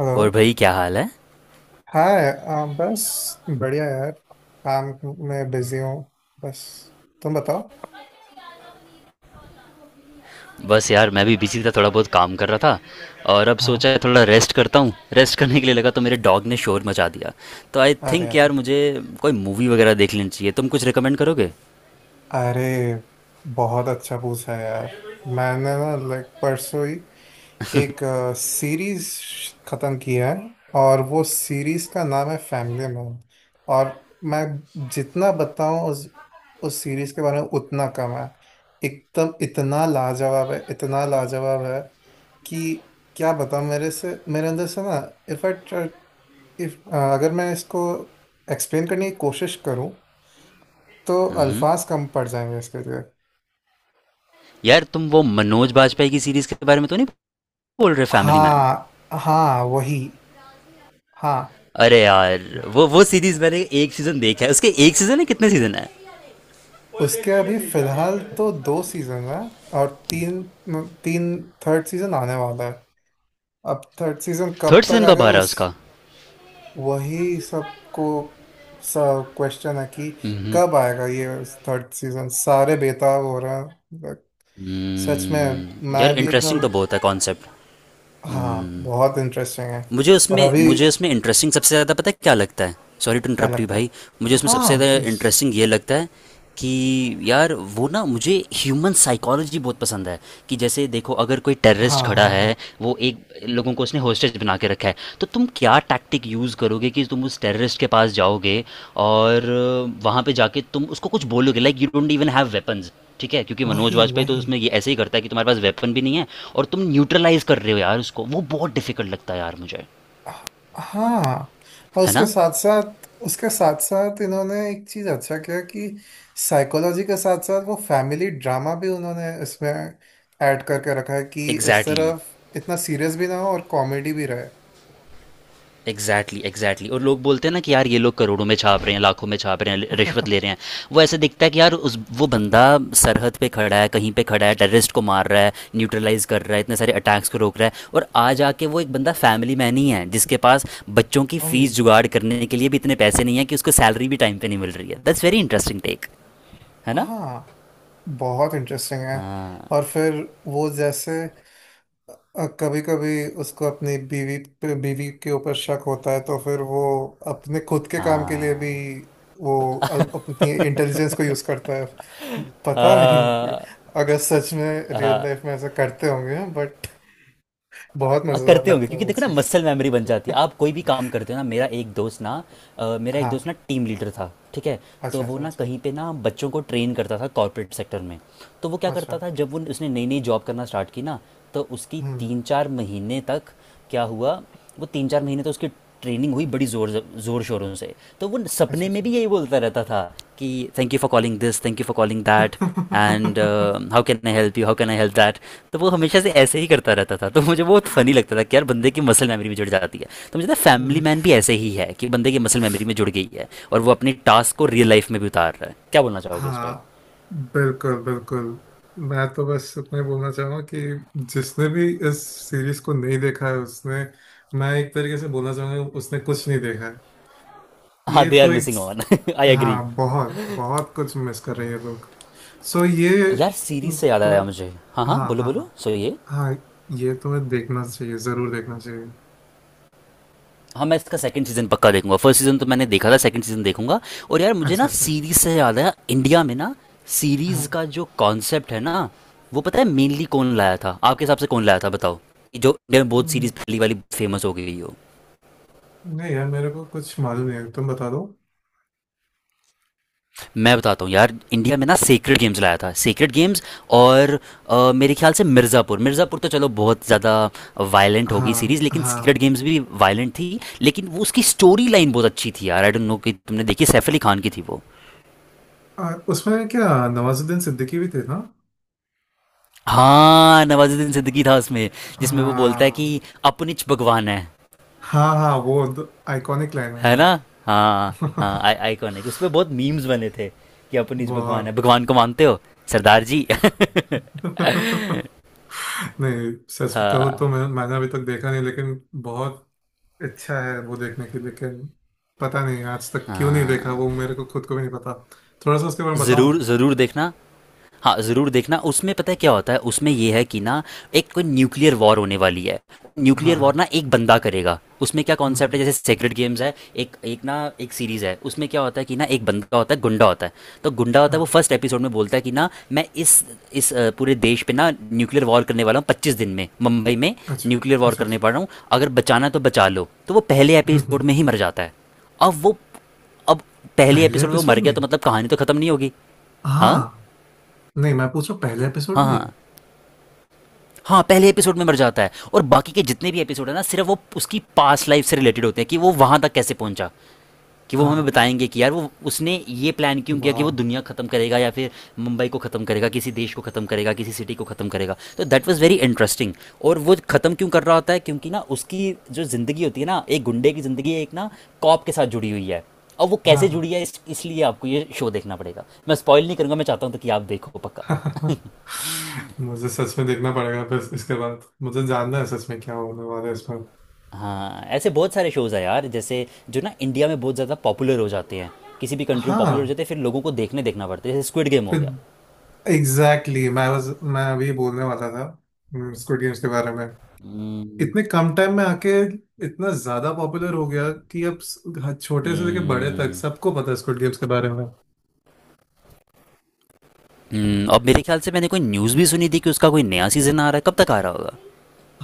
Hello. और भाई क्या हाल है? हाय, बस बढ़िया यार। काम में बिजी हूँ। बस तुम बताओ। बस यार मैं भी बिजी था, थोड़ा बहुत काम कर रहा था और अब सोचा हाँ। है थोड़ा रेस्ट करता हूँ। रेस्ट करने के लिए लगा तो मेरे डॉग ने शोर मचा दिया। तो आई अरे, थिंक अरे, यार मुझे कोई मूवी वगैरह देख लेनी चाहिए, तुम कुछ रिकमेंड करोगे? अरे, बहुत अच्छा पूछा है यार। मैंने ना लाइक परसों ही एक सीरीज खत्म की है। और वो सीरीज का नाम है फैमिली मैन। और मैं जितना बताऊं उस सीरीज के बारे में उतना कम है। एकदम इतना लाजवाब है, इतना लाजवाब है कि क्या बताऊं। मेरे अंदर से ना, इफ आई इफ अगर मैं इसको एक्सप्लेन करने की कोशिश करूं तो हम्म। अल्फाज कम पड़ जाएंगे इसके लिए। यार तुम वो मनोज बाजपेयी की सीरीज के बारे में तो नहीं बोल रहे, फैमिली मैन? हाँ, हाँ वही। हाँ। अरे यार, वो सीरीज मैंने एक सीजन देखा है, उसके एक सीजन है, कितने सीजन है? उसके अभी फिलहाल तो दो सीजन है। और तीन तीन थर्ड सीजन आने वाला है। अब थर्ड सीजन थर्ड कब तक सीजन कब आएगा। आ रहा है उस उसका? वही सबको सब क्वेश्चन है कि हम्म, कब आएगा ये थर्ड सीजन। सारे बेताब हो रहे हैं। But सच में। हम्म। यार मैं भी इंटरेस्टिंग एकदम। तो बहुत है कॉन्सेप्ट। हाँ, बहुत इंटरेस्टिंग है। मुझे और उसमें अभी। मुझे उसमें इंटरेस्टिंग सबसे ज़्यादा पता है क्या लगता है? सॉरी टू क्या इंटरप्ट यू लगता भाई। है? मुझे उसमें हाँ, सबसे ज़्यादा प्लीज। इंटरेस्टिंग ये लगता है कि यार वो ना मुझे ह्यूमन साइकोलॉजी बहुत पसंद है। कि जैसे देखो अगर कोई हाँ, टेररिस्ट खड़ा हाँ, है, हाँ। वो एक लोगों को उसने होस्टेज बना के रखा है, तो तुम क्या टैक्टिक यूज़ करोगे कि तुम उस टेररिस्ट के पास जाओगे और वहाँ पे जाके तुम उसको कुछ बोलोगे like you don't even have weapons. ठीक है क्योंकि मनोज वही, वाजपेयी तो वही। उसमें ये ऐसे ही करता है कि तुम्हारे पास वेपन भी नहीं है और तुम न्यूट्रलाइज कर रहे हो यार उसको, वो बहुत डिफिकल्ट लगता है यार मुझे, हाँ। और है ना। उसके साथ साथ इन्होंने एक चीज अच्छा किया कि साइकोलॉजी के साथ साथ वो फैमिली ड्रामा भी उन्होंने इसमें ऐड करके रखा है, कि इस एग्जैक्टली तरफ exactly। इतना सीरियस भी ना हो और कॉमेडी भी रहे। Exactly exactly, exactly exactly। और लोग बोलते हैं ना कि यार ये लोग करोड़ों में छाप रहे हैं, लाखों में छाप रहे हैं, रिश्वत ले रहे हैं। वो ऐसे दिखता है कि यार उस वो बंदा सरहद पे खड़ा है, कहीं पे खड़ा है, टेररिस्ट को मार रहा है, न्यूट्रलाइज कर रहा है, इतने सारे अटैक्स को रोक रहा है और आ जाके वो एक बंदा फैमिली मैन ही है जिसके पास बच्चों की फीस वही। जुगाड़ करने के लिए भी इतने पैसे नहीं है, कि उसको सैलरी भी टाइम पर नहीं मिल रही है। दैट्स वेरी इंटरेस्टिंग टेक, है ना। हाँ, बहुत इंटरेस्टिंग है। हाँ, और फिर वो जैसे कभी कभी उसको अपनी बीवी पे बीवी के ऊपर शक होता है, तो फिर वो अपने खुद के काम के लिए हाँ, भी वो अपनी इंटेलिजेंस को यूज करता है। पता नहीं, हाँ, अगर सच में रियल हाँ। लाइफ में ऐसा करते होंगे, बट बहुत मजेदार करते होंगे लगता है क्योंकि वो देखो ना चीज। मसल मेमोरी बन जाती है, आप कोई भी काम करते हो ना। मेरा एक दोस्त हाँ। ना टीम लीडर था, ठीक है। तो अच्छा, वो अच्छा, ना अच्छा। कहीं पे ना बच्चों को ट्रेन करता था कॉर्पोरेट सेक्टर में। तो वो क्या अच्छा। करता था जब वो उसने नई नई जॉब करना स्टार्ट की ना, तो उसकी हम्म। तीन चार महीने तक क्या हुआ? वो तीन चार महीने तो उसकी ट्रेनिंग हुई बड़ी जोर, जोर शोरों से। तो वो अच्छा, सपने में अच्छा। भी यही बोलता रहता था कि thank you for calling this, thank you for calling that, and how can I help you, how can I help that. तो वो हमेशा से ऐसे ही करता रहता था तो मुझे बहुत फनी लगता था कि यार बंदे की मसल मेमोरी में जुड़ जाती है। तो मुझे लगता है फैमिली वही। मैन भी ऐसे ही है कि बंदे की मसल मेमोरी में जुड़ गई है और वो अपने टास्क को रियल लाइफ में भी उतार रहा है। क्या बोलना चाहोगे इस पर? हाँ, बिल्कुल, बिल्कुल। मैं तो बस इतना ही बोलना चाहूंगा कि जिसने भी इस सीरीज को नहीं देखा है, उसने मैं एक तरीके से बोलना चाहूंगा, उसने कुछ नहीं देखा है। हाँ, ये दे आर तो एक। Missing on. I agree. हाँ, बहुत बहुत कुछ मिस कर रहे हैं ये लोग। सो ये यार सीरीज से याद तुम्हें आया मुझे, हाँ हाँ हाँ, बोलो हाँ, बोलो, हाँ, सो ये। हाँ, ये तुम्हें देखना चाहिए, जरूर देखना चाहिए। हाँ मैं इसका सेकंड सीजन पक्का देखूंगा, फर्स्ट सीजन तो मैंने देखा था, सेकंड सीजन देखूंगा। और यार मुझे ना अच्छा, अच्छा। सीरीज से याद है, इंडिया में ना सीरीज हाँ। का जो कॉन्सेप्ट है ना, वो पता है मेनली कौन लाया था आपके हिसाब से कौन लाया था बताओ। जो इंडिया में बहुत हम्म। सीरीज पहली वाली फेमस हो गई हो। नहीं यार, मेरे को कुछ मालूम नहीं है, तुम बता दो। मैं बताता हूँ यार, इंडिया में ना सेक्रेड गेम्स लाया था, सेक्रेड गेम्स। और मेरे ख्याल से मिर्ज़ापुर, मिर्ज़ापुर तो चलो बहुत ज़्यादा वायलेंट होगी हाँ, सीरीज, लेकिन सीक्रेट हाँ। गेम्स भी वायलेंट थी, लेकिन वो उसकी स्टोरी लाइन बहुत अच्छी थी यार। आई डोंट नो कि तुमने देखी, सैफ अली खान की थी वो। उसमें क्या, नवाजुद्दीन सिद्दीकी भी थे ना? हाँ नवाजुद्दीन सिद्दीकी था उसमें, जिसमें वो बोलता है कि हाँ, अपनिच भगवान है हाँ, हाँ। वो आइकॉनिक लाइन है है ना। हाँ यार। हाँ आई आइकॉनिक उस पर बहुत मीम्स बने थे कि अपनिच भगवान है, बहुत। भगवान को मानते हो सरदार जी। नहीं, सच बताओ हाँ तो मैंने अभी तक देखा नहीं, लेकिन बहुत अच्छा है वो देखने की, लेकिन पता नहीं आज तक क्यों नहीं देखा, हाँ वो मेरे को खुद को भी नहीं पता। थोड़ा सा उसके बारे में बताओ ज़रूर ना। ज़रूर देखना। हाँ ज़रूर देखना, उसमें पता है क्या होता है, उसमें ये है कि ना एक कोई न्यूक्लियर वॉर होने वाली है, हाँ, न्यूक्लियर वॉर हाँ। ना एक बंदा करेगा, उसमें क्या हम्म। कॉन्सेप्ट है हम्म। जैसे सेक्रेट गेम्स है। एक एक ना एक सीरीज़ है, उसमें क्या होता है कि ना एक बंदा होता है गुंडा होता है। तो गुंडा होता है हाँ। वो फर्स्ट एपिसोड में बोलता है कि ना मैं पूरे देश पे ना न्यूक्लियर वॉर करने वाला हूँ, 25 दिन में मुंबई में अच्छा, न्यूक्लियर वॉर अच्छा, करने पड़ अच्छा। रहा हूँ, अगर बचाना तो बचा लो। तो वो पहले हम्म। हम्म। एपिसोड में ही मर जाता है। अब वो अब पहले पहले एपिसोड में वो एपिसोड मर गया में। तो मतलब कहानी तो खत्म नहीं होगी। हाँ, हाँ। नहीं मैं पूछू, पहले एपिसोड हाँ, में ही? हाँ, हाँ पहले एपिसोड में मर जाता है और बाकी के जितने भी एपिसोड है ना सिर्फ वो उसकी पास्ट लाइफ से रिलेटेड होते हैं कि वो वहां तक कैसे पहुंचा। कि वो हाँ। हमें बताएंगे कि यार वो उसने ये प्लान क्यों किया कि वो वाह। दुनिया ख़त्म करेगा या फिर मुंबई को ख़त्म करेगा, किसी देश को ख़त्म करेगा, किसी सिटी को ख़त्म करेगा। तो दैट वाज़ वेरी इंटरेस्टिंग। और वो ख़त्म क्यों कर रहा होता है क्योंकि ना उसकी जो ज़िंदगी होती है ना, एक गुंडे की ज़िंदगी एक ना कॉप के साथ जुड़ी हुई है। और वो कैसे हाँ, जुड़ी है, इसलिए आपको ये शो देखना पड़ेगा, मैं स्पॉइल नहीं करूँगा, मैं चाहता हूँ तो कि आप देखो पक्का। हाँ। मुझे सच में देखना पड़ेगा फिर। इसके बाद मुझे जानना है सच में क्या होने वाला है इस पर। हाँ ऐसे बहुत सारे शोज़ हैं यार जैसे जो ना इंडिया में बहुत ज़्यादा पॉपुलर हो जाते हैं, किसी भी कंट्री में पॉपुलर हो हाँ। जाते हैं, फिर लोगों को देखने देखना पड़ता है, जैसे स्क्विड गेम हो फिर गया। एग्जैक्टली exactly, मैं अभी बोलने वाला था स्क्विड गेम्स के बारे में। Hmm। इतने कम टाइम में आके इतना ज्यादा पॉपुलर हो गया कि अब हर छोटे से लेकर बड़े तक हम्म, सबको पता है स्क्विड गेम्स के बारे में। और मेरे ख्याल से मैंने कोई न्यूज़ भी सुनी थी कि उसका कोई नया सीज़न आ रहा है, कब तक आ रहा होगा?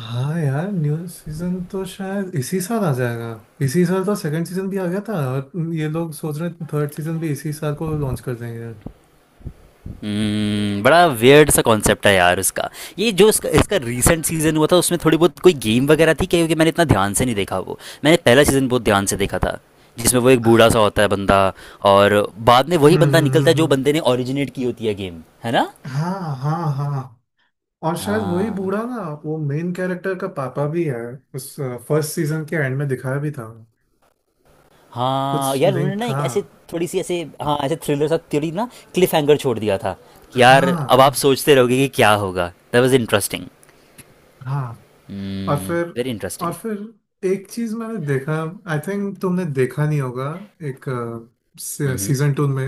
हाँ यार, न्यू सीजन तो शायद इसी साल आ जाएगा। इसी साल तो सेकंड सीजन भी आ गया था, और ये लोग सोच रहे हैं थर्ड सीजन भी इसी साल को लॉन्च कर देंगे। हम्म। हम्म, बड़ा वियर्ड सा कॉन्सेप्ट है यार उसका। ये जो इसका इसका रीसेंट सीज़न हुआ था, उसमें थोड़ी बहुत कोई गेम वगैरह थी क्या, क्योंकि मैंने इतना ध्यान से नहीं देखा वो। मैंने पहला सीज़न बहुत ध्यान से देखा था, जिसमें वो एक बूढ़ा सा होता है बंदा, और बाद में हम्म। वही बंदा निकलता हम्म। है जो हम्म। बंदे ने ओरिजिनेट की होती है गेम, है ना। हाँ, हाँ, हाँ। और शायद वही हाँ बूढ़ा ना, वो मेन कैरेक्टर का पापा भी है। उस फर्स्ट सीजन के एंड में दिखाया भी था, हाँ कुछ यार उन्होंने लिंक ना था। एक ऐसे थोड़ी सी ऐसे, हाँ ऐसे थ्रिलर सा थ्योरी ना, क्लिफ हैंगर छोड़ दिया था कि यार हाँ, अब हाँ, आप सोचते रहोगे कि क्या होगा। That was interesting. हाँ। और फिर। Very interesting. और फिर एक चीज मैंने देखा, आई थिंक तुमने देखा नहीं होगा। एक हम्म, सीजन टू में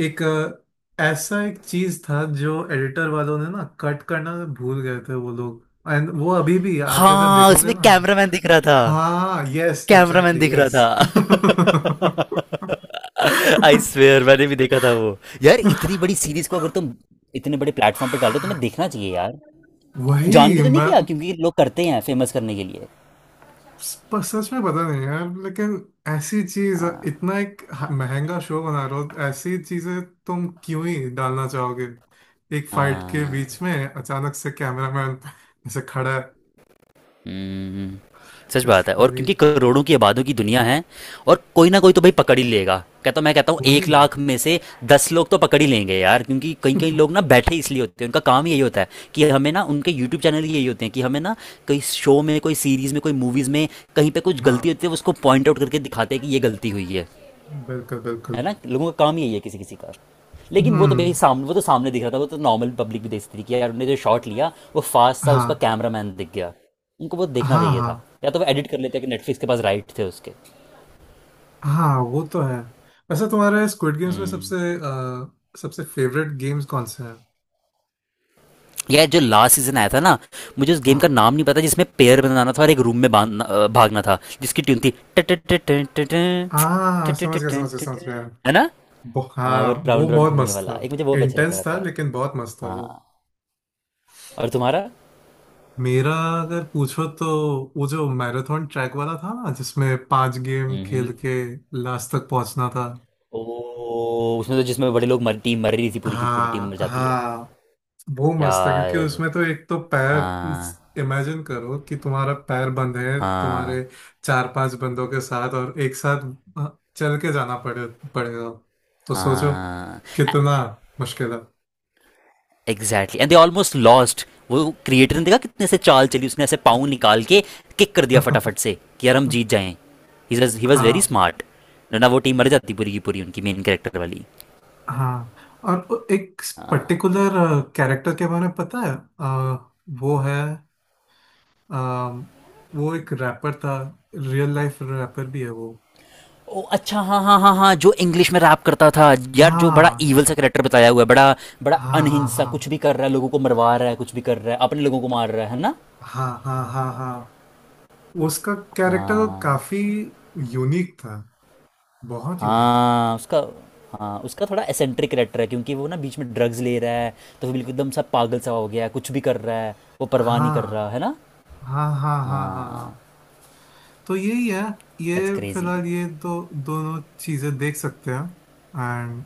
ऐसा एक चीज था जो एडिटर वालों ने ना कट करना भूल गए थे वो लोग। एंड वो अभी भी, आज अगर हाँ देखोगे उसमें ना। कैमरामैन दिख रहा था। हाँ, यस, कैमरामैन एग्जैक्टली, दिख रहा यस। था। आई स्वेयर मैंने भी देखा था वो। यार इतनी बड़ी सीरीज को अगर तुम इतने बड़े प्लेटफॉर्म पे डाल रहे हो, तुम्हें देखना चाहिए यार। जान के वही। तो नहीं किया क्योंकि लोग करते हैं फेमस करने के लिए। सच में पता नहीं यार, लेकिन ऐसी चीज, इतना महंगा शो बना रहे हो, ऐसी चीजें तुम क्यों ही डालना चाहोगे। एक फाइट के हाँ, बीच में अचानक से कैमरामैन ऐसे खड़ा है। हम्म, सच इट्स बात है, और फनी। क्योंकि करोड़ों की आबादों की दुनिया है, और कोई ना कोई तो भाई पकड़ ही लेगा। कहता मैं कहता हूँ एक वही। लाख में से 10 लोग तो पकड़ ही लेंगे यार। क्योंकि कई कई लोग ना बैठे इसलिए होते हैं, उनका काम ही यही होता है कि हमें ना उनके यूट्यूब चैनल ही यही होते हैं कि हमें ना कोई शो में कोई सीरीज में कोई मूवीज में कहीं पे कुछ हाँ, गलती होती है उसको पॉइंट आउट करके दिखाते हैं कि ये गलती हुई है बिल्कुल, बिल्कुल। है ना। लोगों का काम ही यही है, किसी किसी का। लेकिन वो तो भाई हम्म। सामने, वो तो सामने दिख रहा था, वो तो नॉर्मल पब्लिक भी देख सकती थी कि यार उन्होंने जो शॉट लिया वो फास्ट था, उसका हाँ, कैमरामैन दिख गया। उनको वो देखना हाँ, चाहिए हाँ, था, या तो वो एडिट कर लेते, कि नेटफ्लिक्स के पास राइट थे उसके। हाँ। वो तो है। वैसे तुम्हारे स्क्विड गेम्स में हम्म, सबसे फेवरेट गेम्स कौन से हैं? यार जो लास्ट सीजन आया था ना, मुझे उस गेम का हाँ। नाम नहीं पता, जिसमें पेयर बनाना था और एक रूम में बांधना भागना था, जिसकी ट्यून थी, हाँ, समझ गया, समझ गया, समझ गया। है ना। हाँ वो हाँ, वो राउंड राउंड बहुत घूमने मस्त वाला था। एक मुझे बहुत अच्छा लगता इंटेंस था था। लेकिन बहुत मस्त था हाँ, वो। और तुम्हारा? मेरा अगर पूछो तो, वो जो मैराथन ट्रैक वाला था ना, जिसमें पांच गेम हम्म, खेल के लास्ट तक पहुंचना था। ओ उसमें तो जिसमें बड़े लोग मर टीम मर रही थी, पूरी की पूरी टीम हाँ, मर जाती है। हाँ। वो मस्त था क्योंकि यार, उसमें तो एक तो पैर, हाँ, इमेजिन करो कि तुम्हारा पैर बंद है हाँ, तुम्हारे चार पांच बंदों के साथ, और एक साथ चल के जाना पड़ेगा। तो सोचो हाँ कितना मुश्किल है। Exactly and they almost lost. वो क्रिएटर ने देखा कितने से चाल चली, उसने ऐसे पाँव निकाल के किक कर दिया फटाफट से कि यार हम जीत जाएं। ही वॉज वेरी हाँ, स्मार्ट। ना वो टीम मर जाती पूरी की पूरी उनकी मेन कैरेक्टर वाली। हाँ। और एक पर्टिकुलर कैरेक्टर के बारे में पता है, वो है अ, वो एक रैपर था, रियल लाइफ रैपर भी है वो। ओ अच्छा, हाँ, हाँ, हाँ, हाँ जो इंग्लिश में रैप करता था। यार जो बड़ा हाँ, ईवल सा करेक्टर बताया हुआ है, बड़ा बड़ा हाँ, हाँ, अनहिंस सा हाँ, कुछ भी कर रहा है, लोगों को मरवा रहा है, कुछ भी कर रहा है, अपने लोगों को मार रहा है ना। हाँ, हाँ, हाँ, हाँ। उसका कैरेक्टर तो हाँ, काफी यूनिक था, बहुत यूनिक था। हाँ उसका। हाँ उसका थोड़ा एसेंट्रिक करेक्टर है क्योंकि वो ना बीच में ड्रग्स ले रहा है, तो फिर बिल्कुल एकदम सा पागल सा हो गया है, कुछ भी कर रहा है, वो परवाह नहीं कर रहा हाँ, है ना। हाँ, हाँ, हाँ, हाँ, हाँ, हाँ। तो यही है, दैट्स ये क्रेजी। फिलहाल ये दो दोनों चीजें देख सकते हैं। एंड।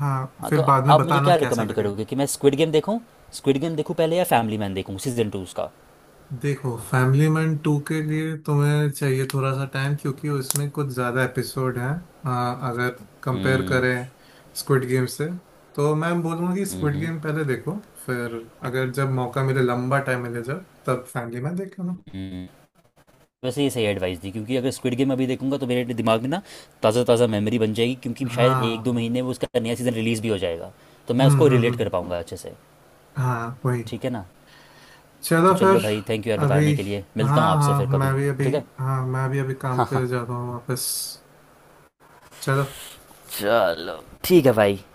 हाँ, हाँ तो फिर बाद में आप मुझे बताना क्या कैसा रिकमेंड लगे। करोगे कि मैं स्क्विड गेम देखूं, स्क्विड गेम देखूं पहले या फैमिली मैन देखूं सीजन 2 उसका? देखो, फैमिली मैन टू के लिए तुम्हें चाहिए थोड़ा सा टाइम, क्योंकि उसमें कुछ ज़्यादा एपिसोड हैं। हाँ, अगर कंपेयर हम्म, करें स्क्विड गेम से, तो मैं बोलूँगा कि स्क्विड हम्म, गेम पहले देखो। फिर अगर जब मौका मिले, लंबा टाइम मिले, जब तब फैमिली मैन देख लेना। हम्म, वैसे ये सही एडवाइस दी, क्योंकि अगर स्क्विड गेम अभी देखूंगा तो मेरे दिमाग में ना ताज़ा ताज़ा मेमोरी बन जाएगी, क्योंकि शायद एक दो हाँ। महीने में उसका नया सीज़न रिलीज़ भी हो जाएगा। तो मैं हम्म, उसको हम्म, रिलेट कर हम्म। पाऊंगा अच्छे से, हाँ, वही। ठीक है ना। चलो तो चलो फिर। भाई थैंक यू यार बताने अभी, के लिए, मिलता हाँ, हूँ आपसे फिर हाँ, मैं कभी। भी अभी ठीक है, हाँ, मैं भी अभी काम हाँ, पे हाँ, जाता हूँ वापस। चलो। चलो ठीक है भाई।